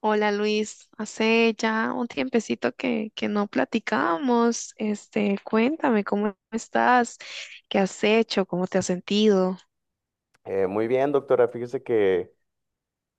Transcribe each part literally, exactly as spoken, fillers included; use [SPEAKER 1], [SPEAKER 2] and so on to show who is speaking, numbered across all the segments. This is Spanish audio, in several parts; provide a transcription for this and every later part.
[SPEAKER 1] Hola Luis, hace ya un tiempecito que, que no platicamos. Este, cuéntame cómo estás, qué has hecho, cómo te has sentido,
[SPEAKER 2] Eh, muy bien, doctora. Fíjese que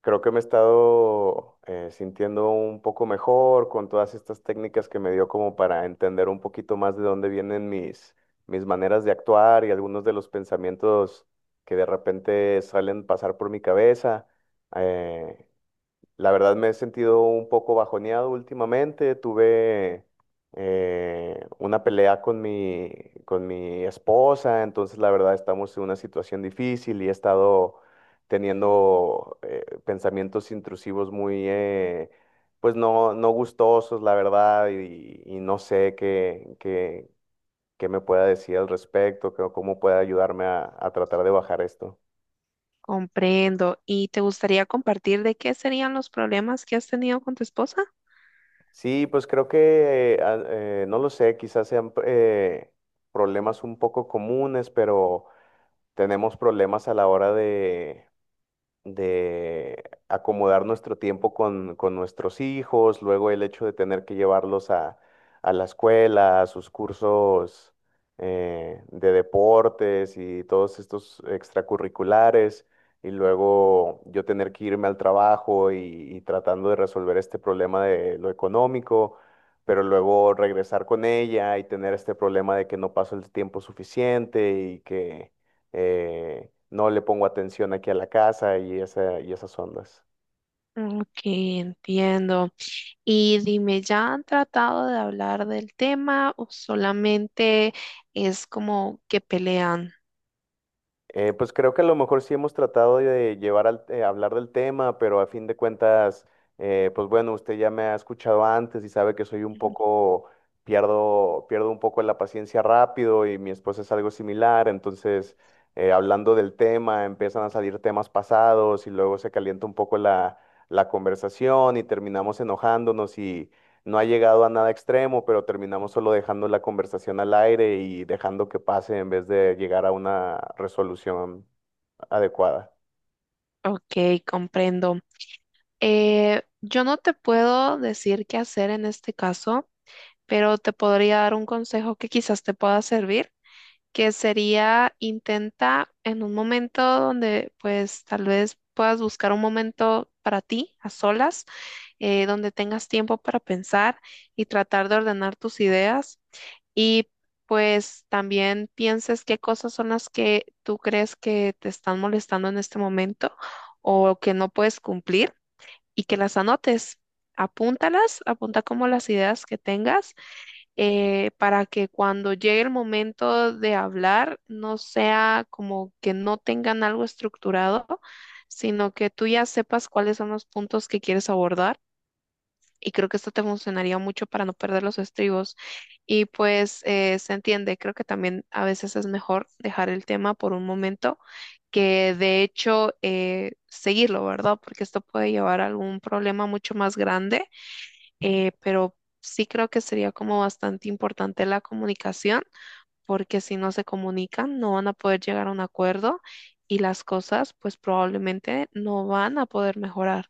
[SPEAKER 2] creo que me he estado eh, sintiendo un poco mejor con todas estas técnicas que me dio como para entender un poquito más de dónde vienen mis, mis maneras de actuar y algunos de los pensamientos que de repente salen pasar por mi cabeza. Eh, la verdad me he sentido un poco bajoneado últimamente. Tuve eh, una pelea con mi, con mi esposa, entonces la verdad estamos en una situación difícil y he estado teniendo eh, pensamientos intrusivos muy, eh, pues no, no gustosos, la verdad, y, y no sé qué, qué, qué me pueda decir al respecto, qué- cómo pueda ayudarme a a tratar de bajar esto.
[SPEAKER 1] comprendo. ¿Y te gustaría compartir de qué serían los problemas que has tenido con tu esposa?
[SPEAKER 2] Sí, pues creo que, eh, a- eh, no lo sé, quizás sean eh, problemas un poco comunes, pero tenemos problemas a la hora de, de acomodar nuestro tiempo con, con nuestros hijos, luego el hecho de tener que llevarlos a, a la escuela, a sus cursos eh, de deportes y todos estos extracurriculares, y luego yo tener que irme al trabajo y, y tratando de resolver este problema de lo económico. Pero luego regresar con ella y tener este problema de que no paso el tiempo suficiente y que eh, no le pongo atención aquí a la casa y, esa, y esas ondas.
[SPEAKER 1] Ok, entiendo. Y dime, ¿ya han tratado de hablar del tema o solamente es como que pelean?
[SPEAKER 2] Eh, pues creo que a lo mejor sí hemos tratado de llevar al, eh, hablar del tema, pero a fin de cuentas, eh, pues bueno, usted ya me ha escuchado antes y sabe que soy un poco, pierdo, pierdo un poco la paciencia rápido y mi esposa es algo similar, entonces eh, hablando del tema empiezan a salir temas pasados y luego se calienta un poco la, la conversación y terminamos enojándonos y no ha llegado a nada extremo, pero terminamos solo dejando la conversación al aire y dejando que pase en vez de llegar a una resolución adecuada.
[SPEAKER 1] Ok, comprendo. Eh, yo no te puedo decir qué hacer en este caso, pero te podría dar un consejo que quizás te pueda servir, que sería intenta en un momento donde pues tal vez puedas buscar un momento para ti, a solas, eh, donde tengas tiempo para pensar y tratar de ordenar tus ideas. Y pues también pienses qué cosas son las que tú crees que te están molestando en este momento o que no puedes cumplir y que las anotes. Apúntalas, apunta como las ideas que tengas eh, para que cuando llegue el momento de hablar no sea como que no tengan algo estructurado, sino que tú ya sepas cuáles son los puntos que quieres abordar y creo que esto te funcionaría mucho para no perder los estribos. Y pues eh, se entiende, creo que también a veces es mejor dejar el tema por un momento que de hecho eh, seguirlo, ¿verdad? Porque esto puede llevar a algún problema mucho más grande, eh, pero sí creo que sería como bastante importante la comunicación, porque si no se comunican no van a poder llegar a un acuerdo y las cosas pues probablemente no van a poder mejorar.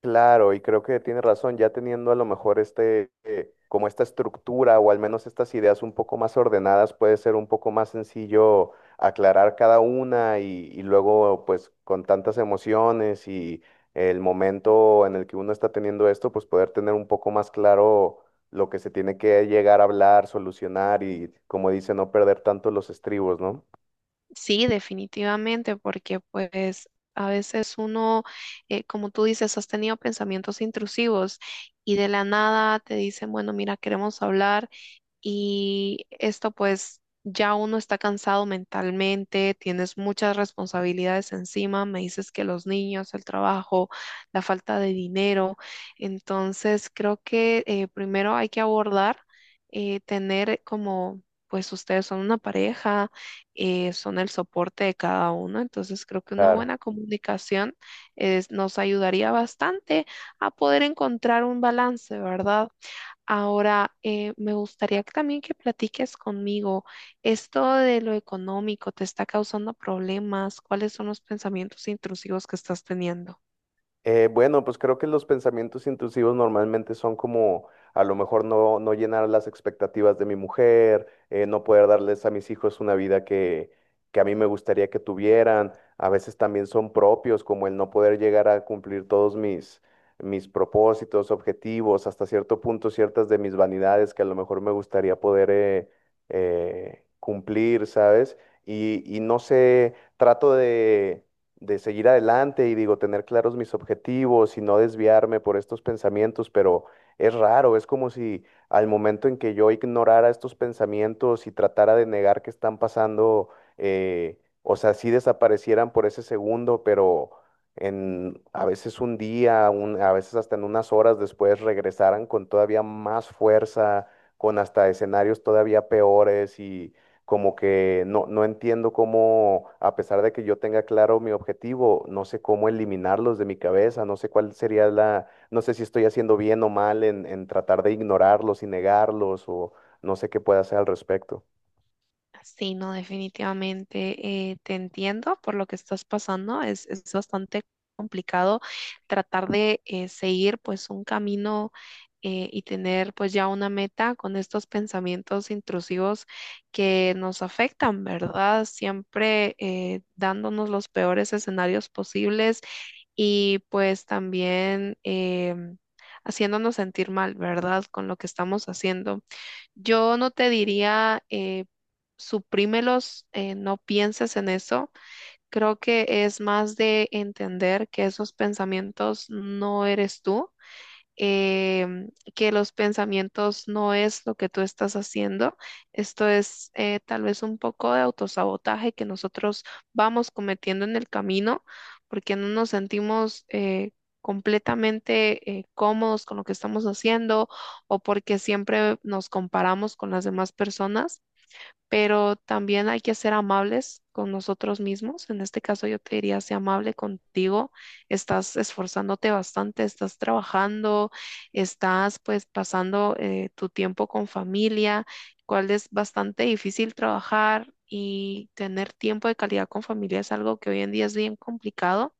[SPEAKER 2] Claro, y creo que tiene razón, ya teniendo a lo mejor este, eh, como esta estructura o al menos estas ideas un poco más ordenadas, puede ser un poco más sencillo aclarar cada una y, y luego pues con tantas emociones y el momento en el que uno está teniendo esto, pues poder tener un poco más claro lo que se tiene que llegar a hablar, solucionar y como dice, no perder tanto los estribos, ¿no?
[SPEAKER 1] Sí, definitivamente, porque pues a veces uno, eh, como tú dices, has tenido pensamientos intrusivos y de la nada te dicen, bueno, mira, queremos hablar y esto pues ya uno está cansado mentalmente, tienes muchas responsabilidades encima, me dices que los niños, el trabajo, la falta de dinero, entonces creo que eh, primero hay que abordar, eh, tener como... Pues ustedes son una pareja, eh, son el soporte de cada uno, entonces creo que una
[SPEAKER 2] Claro.
[SPEAKER 1] buena comunicación es- nos ayudaría bastante a poder encontrar un balance, ¿verdad? Ahora, eh, me gustaría que también que platiques conmigo, ¿esto de lo económico te está causando problemas? ¿Cuáles son los pensamientos intrusivos que estás teniendo?
[SPEAKER 2] Eh, bueno, pues creo que los pensamientos intrusivos normalmente son como a lo mejor no, no llenar las expectativas de mi mujer, eh, no poder darles a mis hijos una vida que, que a mí me gustaría que tuvieran. A veces también son propios, como el no poder llegar a cumplir todos mis, mis propósitos, objetivos, hasta cierto punto ciertas de mis vanidades que a lo mejor me gustaría poder eh, eh, cumplir, ¿sabes? Y, y no sé, trato de de seguir adelante y digo, tener claros mis objetivos y no desviarme por estos pensamientos, pero es raro, es como si al momento en que yo ignorara estos pensamientos y tratara de negar que están pasando, eh, o sea, sí desaparecieran por ese segundo, pero en a veces un día, un- a veces hasta en unas horas después regresaran con todavía más fuerza, con hasta escenarios todavía peores como que no, no entiendo cómo, a pesar de que yo tenga claro mi objetivo, no sé cómo eliminarlos de mi cabeza, no sé cuál sería la, no sé si estoy haciendo bien o mal en, en tratar de ignorarlos y negarlos o no sé qué pueda hacer al respecto.
[SPEAKER 1] Sí, no, definitivamente eh, te entiendo por lo que estás pasando. Es, es bastante complicado tratar de eh, seguir pues un camino eh, y tener pues ya una meta con estos pensamientos intrusivos que nos afectan, ¿verdad? Siempre eh, dándonos los peores escenarios posibles y pues también em, haciéndonos sentir mal, ¿verdad? Con lo que estamos haciendo. Yo no te diría, eh, suprímelos, eh, no pienses en eso. Creo que es más de entender que esos pensamientos no eres tú em, que los pensamientos no es lo que tú estás haciendo. Esto es eh, tal vez un poco de autosabotaje que nosotros vamos cometiendo en el camino porque no nos sentimos eh, completamente eh, cómodos con lo que estamos haciendo o porque siempre nos comparamos con las demás personas pero también hay que ser amables con nosotros mismos. En este caso yo te diría, sé amable contigo, estás esforzándote bastante, estás trabajando, estás pues pasando eh, tu tiempo con familia, cual es bastante difícil trabajar. Y tener tiempo de calidad con familia es algo que hoy en día es bien complicado.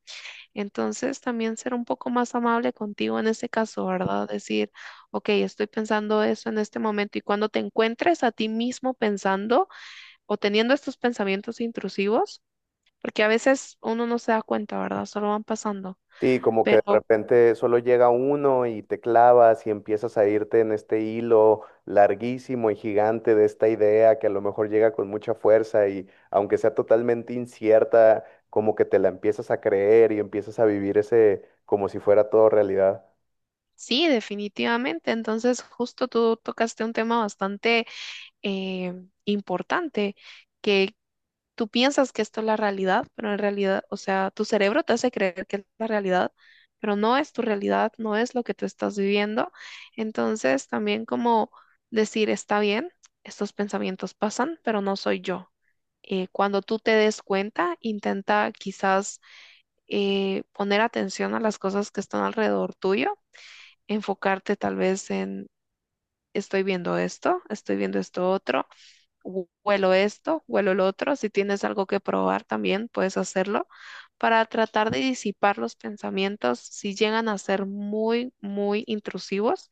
[SPEAKER 1] Entonces, también ser un poco más amable contigo en ese caso, ¿verdad? Decir, ok, estoy pensando eso en este momento y cuando te encuentres a ti mismo pensando, o teniendo estos pensamientos intrusivos, porque a veces uno no se da cuenta, ¿verdad? Solo van pasando.
[SPEAKER 2] Sí, como que de
[SPEAKER 1] Pero
[SPEAKER 2] repente solo llega uno y te clavas y empiezas a irte en este hilo larguísimo y gigante de esta idea que a lo mejor llega con mucha fuerza y aunque sea totalmente incierta, como que te la empiezas a creer y empiezas a vivir ese como si fuera todo realidad.
[SPEAKER 1] sí, definitivamente. Entonces, justo tú tocaste un tema bastante eh, importante, que tú piensas que esto es la realidad, pero en realidad, o sea, tu cerebro te hace creer que es la realidad, pero no es tu realidad, no es lo que tú estás viviendo. Entonces, también como decir, está bien, estos pensamientos pasan, pero no soy yo. Eh, cuando tú te des cuenta, intenta quizás eh, poner atención a las cosas que están alrededor tuyo, enfocarte tal vez en, estoy viendo esto, estoy viendo esto otro huelo esto, huelo el otro. Si tienes algo que probar también, puedes hacerlo para tratar de disipar los pensamientos si llegan a ser muy, muy intrusivos.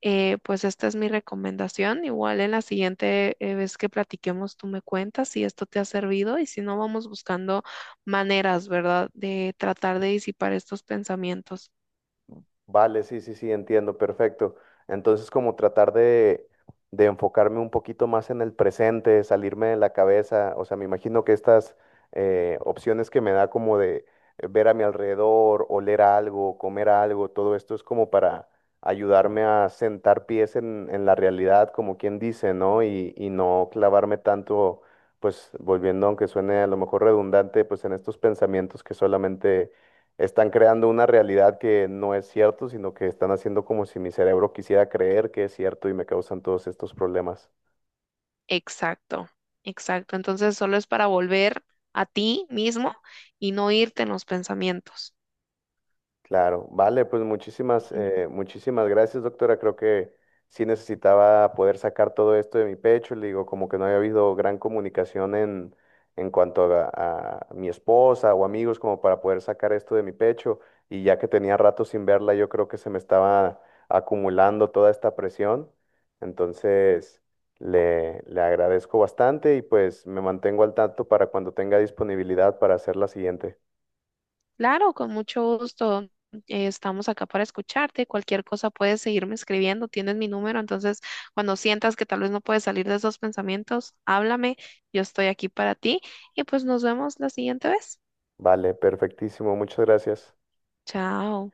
[SPEAKER 1] eh, pues esta es mi recomendación. Igual en la siguiente eh, vez que platiquemos, tú me cuentas si esto te ha servido y si no, vamos buscando maneras, ¿verdad?, de tratar de disipar estos pensamientos.
[SPEAKER 2] Vale, sí, sí, sí, entiendo, perfecto. Entonces, como tratar de, de enfocarme un poquito más en el presente, salirme de la cabeza, o sea, me imagino que estas eh, opciones que me da como de eh, ver a mi alrededor, oler algo, comer algo, todo esto es como para ayudarme a sentar pies en, en la realidad, como quien dice, ¿no? Y, y no clavarme tanto, pues volviendo, aunque suene a lo mejor redundante, pues en estos pensamientos que solamente están creando una realidad que no es cierto, sino que están haciendo como si mi cerebro quisiera creer que es cierto y me causan todos estos problemas.
[SPEAKER 1] Exacto, exacto. Entonces, solo es para volver a ti mismo y no irte en los pensamientos.
[SPEAKER 2] Claro, vale, pues muchísimas, eh, muchísimas gracias, doctora. Creo que sí necesitaba poder sacar todo esto de mi pecho. Le digo, como que no había habido gran comunicación en, en cuanto a, a mi esposa o amigos, como para poder sacar esto de mi pecho. Y ya que tenía rato sin verla, yo creo que se me estaba acumulando toda esta presión. Entonces, le, le agradezco bastante y pues me mantengo al tanto para cuando tenga disponibilidad para hacer la siguiente.
[SPEAKER 1] Claro, con mucho gusto. eh, Estamos acá para escucharte. Cualquier cosa puedes seguirme escribiendo. Tienes mi número, entonces cuando sientas que tal vez no puedes salir de esos pensamientos, háblame. Yo estoy aquí para ti y pues nos vemos la siguiente vez.
[SPEAKER 2] Vale, perfectísimo. Muchas gracias.
[SPEAKER 1] Chao.